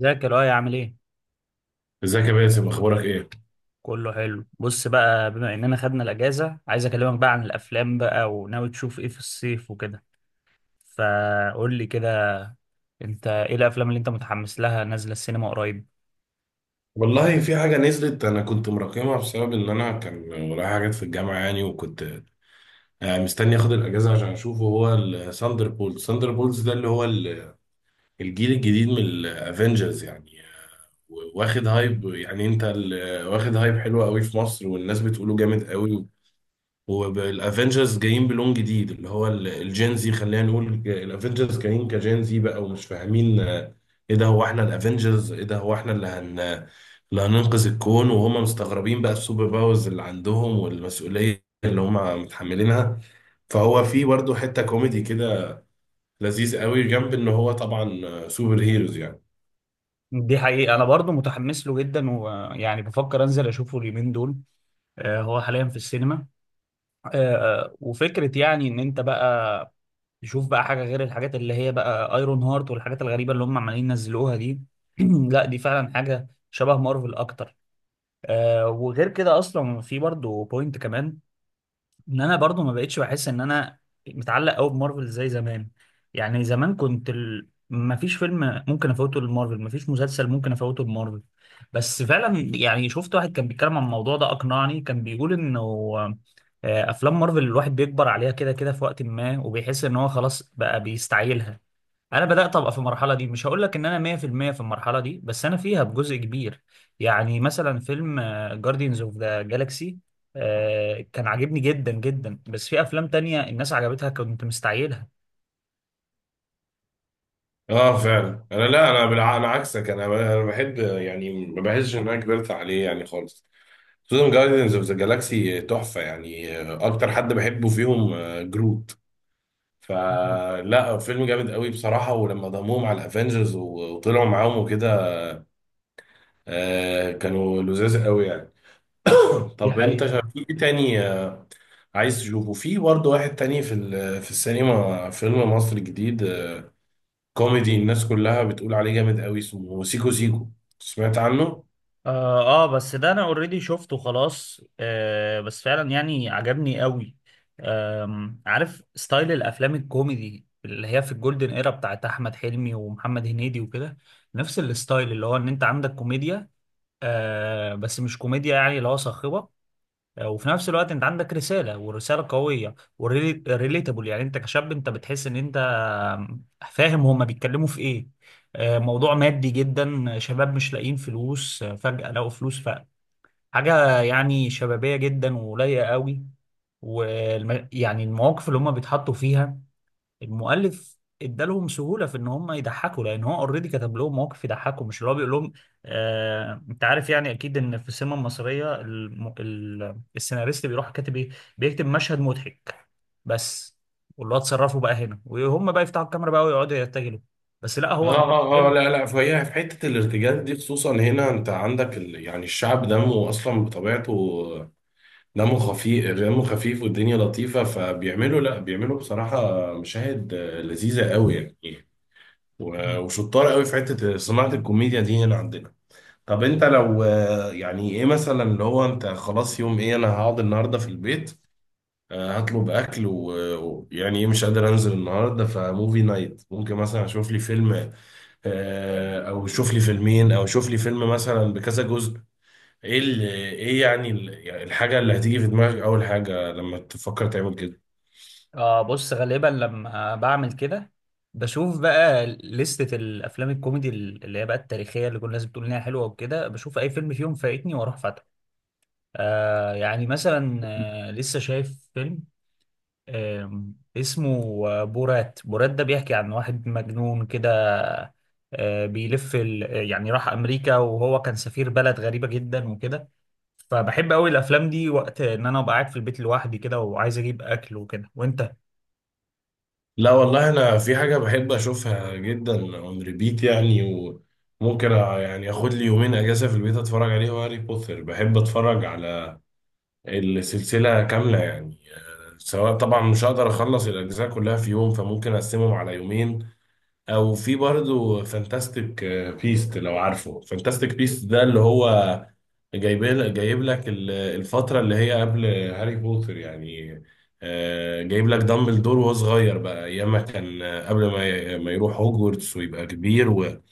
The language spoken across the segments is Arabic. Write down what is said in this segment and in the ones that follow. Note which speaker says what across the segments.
Speaker 1: ازيك يا لؤي؟ عامل ايه؟
Speaker 2: ازيك يا باسم، اخبارك ايه؟
Speaker 1: كله حلو. بص بقى، بما اننا خدنا الاجازه، عايز اكلمك بقى عن الافلام بقى، وناوي تشوف ايه في الصيف وكده. فقول لي كده، انت ايه الافلام اللي انت متحمس لها نازله السينما قريب؟
Speaker 2: والله في حاجه نزلت، انا كنت مراكمها بسبب ان انا كان ورايا حاجات في الجامعه يعني، وكنت مستني اخد الاجازه عشان اشوفه. هو الثاندر بولز، ثاندر بولز ده اللي هو الجيل الجديد من الافنجرز يعني. واخد هايب، يعني واخد هايب حلو قوي في مصر، والناس بتقوله جامد قوي. والافنجرز جايين بلون جديد اللي هو الجينزي، خلينا نقول الافنجرز جايين كجينزي بقى، ومش فاهمين ايه ده، هو احنا الافنجرز ايه ده، هو احنا اللي اللي هننقذ الكون؟ وهم مستغربين بقى السوبر باورز اللي عندهم والمسؤولية اللي هم متحملينها. فهو في برضه حتة كوميدي كده لذيذ قوي، جنب ان هو طبعا سوبر هيروز يعني.
Speaker 1: دي حقيقه انا برضو متحمس له جدا، ويعني بفكر انزل اشوفه اليومين دول. هو حاليا في السينما. آه، وفكرة يعني ان انت بقى تشوف بقى حاجة غير الحاجات اللي هي بقى ايرون هارت والحاجات الغريبة اللي هم عمالين ينزلوها دي. لا، دي فعلا حاجة شبه مارفل اكتر. آه، وغير كده اصلا في برضو بوينت كمان، ان انا برضو ما بقتش بحس ان انا متعلق قوي بمارفل زي زمان. يعني زمان كنت ما فيش فيلم ممكن افوته لمارفل، ما فيش مسلسل ممكن افوته لمارفل. بس فعلا يعني شفت واحد كان بيتكلم عن الموضوع ده، اقنعني. كان بيقول انه افلام مارفل الواحد بيكبر عليها كده كده في وقت ما، وبيحس ان هو خلاص بقى بيستعيلها. انا بدات ابقى في المرحله دي. مش هقول لك ان انا 100% في المية في المرحله دي، بس انا فيها بجزء كبير. يعني مثلا فيلم جاردينز اوف ذا جالاكسي كان عاجبني جدا جدا، بس في افلام تانية الناس عجبتها كنت مستعجلها.
Speaker 2: اه فعلا، انا عكسك، انا بحب، يعني ما بحسش ان انا كبرت عليه يعني خالص. سوزان جايدنز اوف ذا جالاكسي تحفة يعني. أكتر حد بحبه فيهم جروت. فلا، فيلم جامد قوي بصراحة، ولما ضموهم على الأفينجرز وطلعوا معاهم وكده كانوا لذاذ قوي يعني.
Speaker 1: دي
Speaker 2: طب أنت
Speaker 1: حقيقة.
Speaker 2: في إيه تاني عايز تشوفه؟ في برضه واحد تاني في في السينما، فيلم مصري جديد كوميدي، الناس كلها بتقول عليه جامد قوي، اسمه سيكو سيكو. سمعت عنه؟
Speaker 1: بس ده انا اوريدي شفته خلاص. آه، بس فعلا يعني عجبني قوي. آم، عارف ستايل الافلام الكوميدي اللي هي في الجولدن ايرا بتاعت احمد حلمي ومحمد هنيدي وكده؟ نفس الستايل اللي هو ان انت عندك كوميديا، آه، بس مش كوميديا يعني اللي هو صاخبه. آه، وفي نفس الوقت انت عندك رساله، ورساله قويه وريليتابل. يعني انت كشاب انت بتحس ان انت فاهم هما بيتكلموا في ايه. آه، موضوع مادي جدا، شباب مش لاقيين فلوس، فجاه لقوا فلوس. فحاجه يعني شبابيه جدا ولايقه قوي. ويعني المواقف اللي هما بيتحطوا فيها، المؤلف ادالهم سهوله في ان هم يضحكوا، لان هو اوريدي كتب لهم مواقف يضحكوا، مش اللي هو بيقول لهم. آه، انت عارف يعني اكيد ان في السينما المصريه السيناريست بيروح كاتب ايه؟ بيكتب مشهد مضحك بس، واللي هو اتصرفوا بقى هنا وهم بقى يفتحوا الكاميرا بقى ويقعدوا يرتجلوا. بس لا،
Speaker 2: اه
Speaker 1: هو مكتوب
Speaker 2: اه اه
Speaker 1: حلو.
Speaker 2: لا لا، فهي في حته الارتجال دي خصوصا هنا، انت عندك يعني الشعب دمه اصلا بطبيعته دمه خفيف، والدنيا لطيفه، فبيعملوا لا بيعملوا بصراحه مشاهد لذيذه قوي يعني. وشطار قوي في حته صناعه الكوميديا دي هنا عندنا. طب انت لو يعني ايه مثلا، اللي هو انت خلاص يوم ايه، انا هقعد النهارده في البيت، هطلب اكل، ويعني ايه، مش قادر انزل النهارده، فموفي نايت ممكن مثلا اشوف لي فيلم، او شوف لي فيلمين، او شوف لي فيلم مثلا بكذا جزء. ايه اللي ايه يعني ال- يعني الحاجه اللي هتيجي في دماغك اول حاجه لما تفكر تعمل كده؟
Speaker 1: اه، بص، غالبا لما بعمل كده بشوف بقى لستة الافلام الكوميدي اللي هي بقى التاريخيه اللي كل الناس بتقول انها حلوه وكده، بشوف اي فيلم فيهم فايتني واروح. آه، يعني مثلا آه لسه شايف فيلم آه اسمه بورات. بورات ده بيحكي عن واحد مجنون كده. آه بيلف يعني راح أمريكا وهو كان سفير بلد غريبة جدا وكده. فبحب أوي الأفلام دي وقت إن أنا أبقى قاعد في البيت لوحدي كده، وعايز أجيب أكل وكده. وأنت؟
Speaker 2: لا والله، انا في حاجه بحب اشوفها جدا اون ريبيت يعني، وممكن يعني اخد لي يومين اجازه في البيت اتفرج عليه، هو هاري بوتر. بحب اتفرج على السلسله كامله يعني. سواء طبعا مش هقدر اخلص الاجزاء كلها في يوم، فممكن اقسمهم على يومين. او في برضه فانتاستيك بيست، لو عارفه. فانتاستيك بيست ده اللي هو جايب، لك الفترة اللي هي قبل هاري بوتر يعني. جايب لك دامبلدور وهو صغير بقى، ايام ما كان قبل ما يروح هوجورتس ويبقى كبير،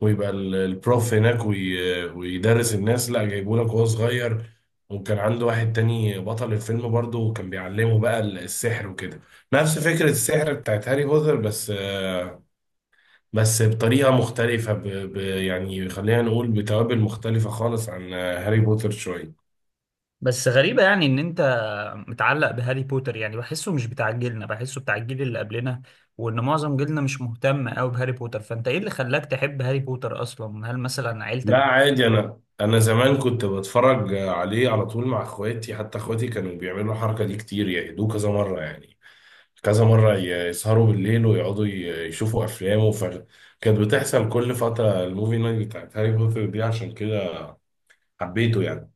Speaker 2: ويبقى البروف هناك، ويدرس الناس. لا، جايبه لك وهو صغير، وكان عنده واحد تاني بطل الفيلم برضه، وكان بيعلمه بقى السحر وكده. نفس فكرة السحر بتاعت هاري بوتر بس بطريقة مختلفة، يعني خلينا نقول بتوابل مختلفة خالص عن هاري بوتر شوية.
Speaker 1: بس غريبة يعني إن أنت متعلق بهاري بوتر، يعني بحسه مش بتاع جيلنا، بحسه بتاع الجيل اللي قبلنا. وإن معظم جيلنا مش مهتم أوي بهاري بوتر. فأنت إيه اللي خلاك تحب هاري بوتر أصلا؟ هل مثلا
Speaker 2: لا
Speaker 1: عيلتك؟
Speaker 2: عادي، أنا زمان كنت بتفرج عليه على طول مع إخواتي، حتى إخواتي كانوا بيعملوا الحركة دي كتير، يعيدوه كذا مرة يعني، كذا مرة يسهروا بالليل ويقعدوا يشوفوا أفلام كانت بتحصل كل فترة الموفي نايت بتاعت هاري بوتر دي، عشان كده حبيته يعني.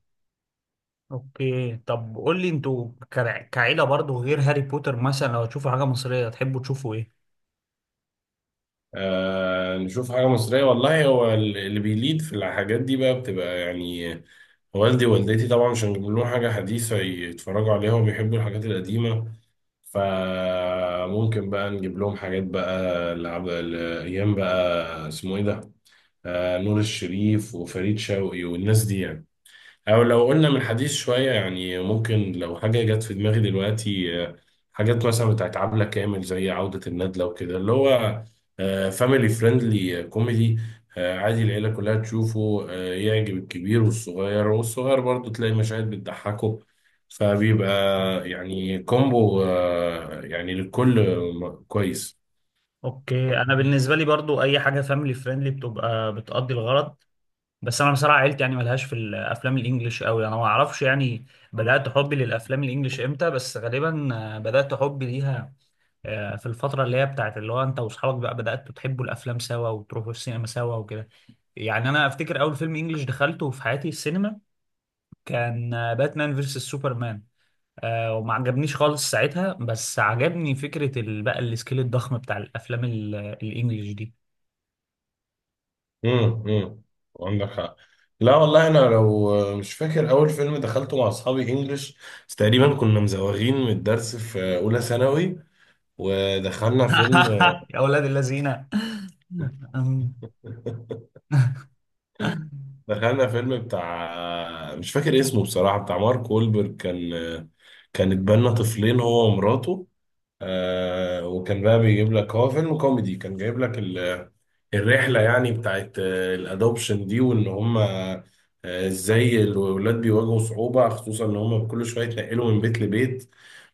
Speaker 1: أوكي، طب قول لي، أنتوا كعيلة برضو غير هاري بوتر، مثلا لو تشوفوا حاجة مصرية تحبوا تشوفوا إيه؟
Speaker 2: آه نشوف حاجة مصرية. والله هو اللي بيليد في الحاجات دي بقى بتبقى يعني، والدي ووالدتي طبعا مش هنجيب لهم حاجة حديثة يتفرجوا عليها، وبيحبوا الحاجات القديمة، فممكن بقى نجيب لهم حاجات بقى لعب الأيام بقى. اسمه إيه ده؟ آه، نور الشريف وفريد شوقي والناس دي يعني. او لو قلنا من حديث شوية، يعني ممكن لو حاجة جت في دماغي دلوقتي حاجات مثلا بتاعت عبلة كامل، زي عودة الندلة وكده، اللي هو فاميلي فريندلي كوميدي، عادي العيلة كلها تشوفه، يعجب الكبير والصغير، والصغير برضه تلاقي مشاهد بتضحكه، فبيبقى يعني كومبو يعني للكل كويس.
Speaker 1: أوكي، أنا بالنسبة لي برضو أي حاجة فاميلي فريندلي بتبقى بتقضي الغرض. بس انا بصراحه عيلتي يعني ملهاش في الافلام الانجليش قوي. انا ما اعرفش يعني بدات حبي للافلام الانجليش امتى، بس غالبا بدات حبي ليها في الفتره اللي هي بتاعت اللي هو انت واصحابك بقى بداتوا تحبوا الافلام سوا وتروحوا السينما سوا وكده. يعني انا افتكر اول فيلم انجليش دخلته في حياتي السينما كان باتمان فيرسس سوبرمان. آه، وما عجبنيش خالص ساعتها، بس عجبني فكره بقى السكيل الضخم بتاع الافلام الانجليش دي.
Speaker 2: امم امم عندك حق. لا والله، انا لو مش فاكر اول فيلم دخلته مع اصحابي انجلش، بس تقريبا كنا مزوغين من الدرس في اولى ثانوي، ودخلنا فيلم
Speaker 1: يا اولاد الذين!
Speaker 2: دخلنا فيلم بتاع، مش فاكر اسمه بصراحة، بتاع مارك وولبرج. كان اتبنى طفلين هو ومراته، وكان بقى بيجيب لك، هو فيلم كوميدي، كان جايب لك ال الرحلة يعني بتاعت الادوبشن دي، وان هم ازاي الولاد بيواجهوا صعوبة، خصوصا ان هم كل شوية يتنقلوا من بيت لبيت،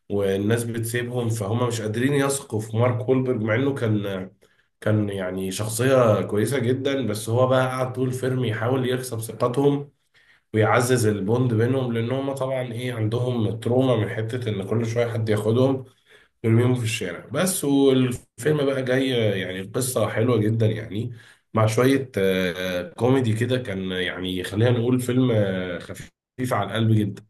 Speaker 2: والناس بتسيبهم، فهم مش قادرين يثقوا في مارك وولبرج، مع انه كان يعني شخصية كويسة جدا، بس هو بقى قعد طول الفيلم يحاول يكسب ثقتهم، ويعزز البوند بينهم، لان هم طبعا ايه، عندهم تروما من حتة ان كل شوية حد ياخدهم ترميهم في الشارع بس. والفيلم بقى جاي يعني، القصة حلوة جدا يعني، مع شوية كوميدي كده، كان يعني خلينا نقول فيلم خفيف على القلب جدا.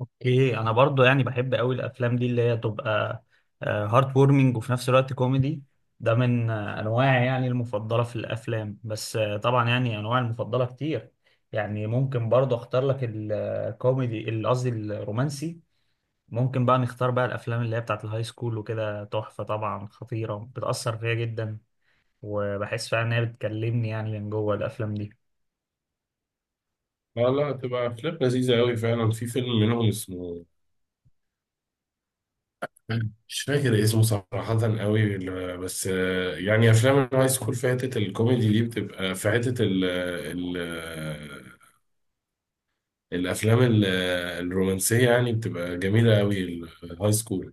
Speaker 1: اوكي، انا برضو يعني بحب قوي الافلام دي اللي هي تبقى هارت وورمنج وفي نفس الوقت كوميدي. ده من انواعي يعني المفضله في الافلام، بس طبعا يعني انواع المفضله كتير. يعني ممكن برضو اختار لك قصدي الرومانسي. ممكن بقى نختار بقى الافلام اللي هي بتاعت الهاي سكول وكده، تحفه طبعا، خطيره، بتاثر فيا جدا، وبحس فعلا ان هي بتكلمني يعني من جوه الافلام
Speaker 2: لا لا، تبقى أفلام لذيذة أوي فعلا. في فيلم منهم اسمه، مش فاكر اسمه صراحة أوي بس يعني أفلام الهاي سكول في حتة الكوميدي دي بتبقى في حتة ال ال آه، الأفلام ال- آه، الرومانسية يعني بتبقى جميلة أوي، الهاي سكول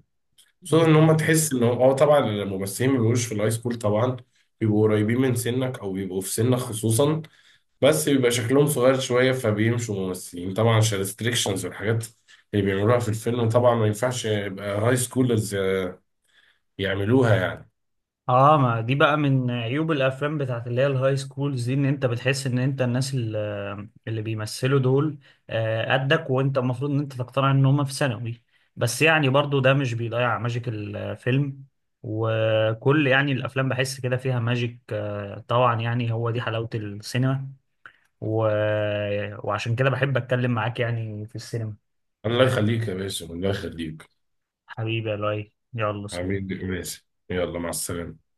Speaker 2: خصوصا
Speaker 1: دي.
Speaker 2: ان هم تحس ان هو اه طبعا الممثلين ما بيبقوش في الهاي سكول طبعا، بيبقوا قريبين من سنك او بيبقوا في سنك خصوصا، بس بيبقى شكلهم صغير شويه، فبيمشوا ممثلين طبعا عشان الريستريكشنز والحاجات اللي بيعملوها في الفيلم، طبعا ما ينفعش يبقى هاي سكولرز يعملوها يعني.
Speaker 1: اه، ما دي بقى من عيوب الافلام بتاعت اللي هي الهاي سكولز دي، ان انت بتحس ان انت الناس اللي بيمثلوا دول قدك، وانت المفروض ان انت تقتنع ان هم في ثانوي. بس يعني برضو ده مش بيضيع ماجيك الفيلم. وكل يعني الافلام بحس كده فيها ماجيك، طبعا يعني هو دي حلاوة السينما. و... وعشان كده بحب اتكلم معاك يعني في السينما.
Speaker 2: الله يخليك يا باسم، الله يخليك.
Speaker 1: حبيبي يا لؤي، يلا، سلام.
Speaker 2: عميد باسم، يلا مع السلامه.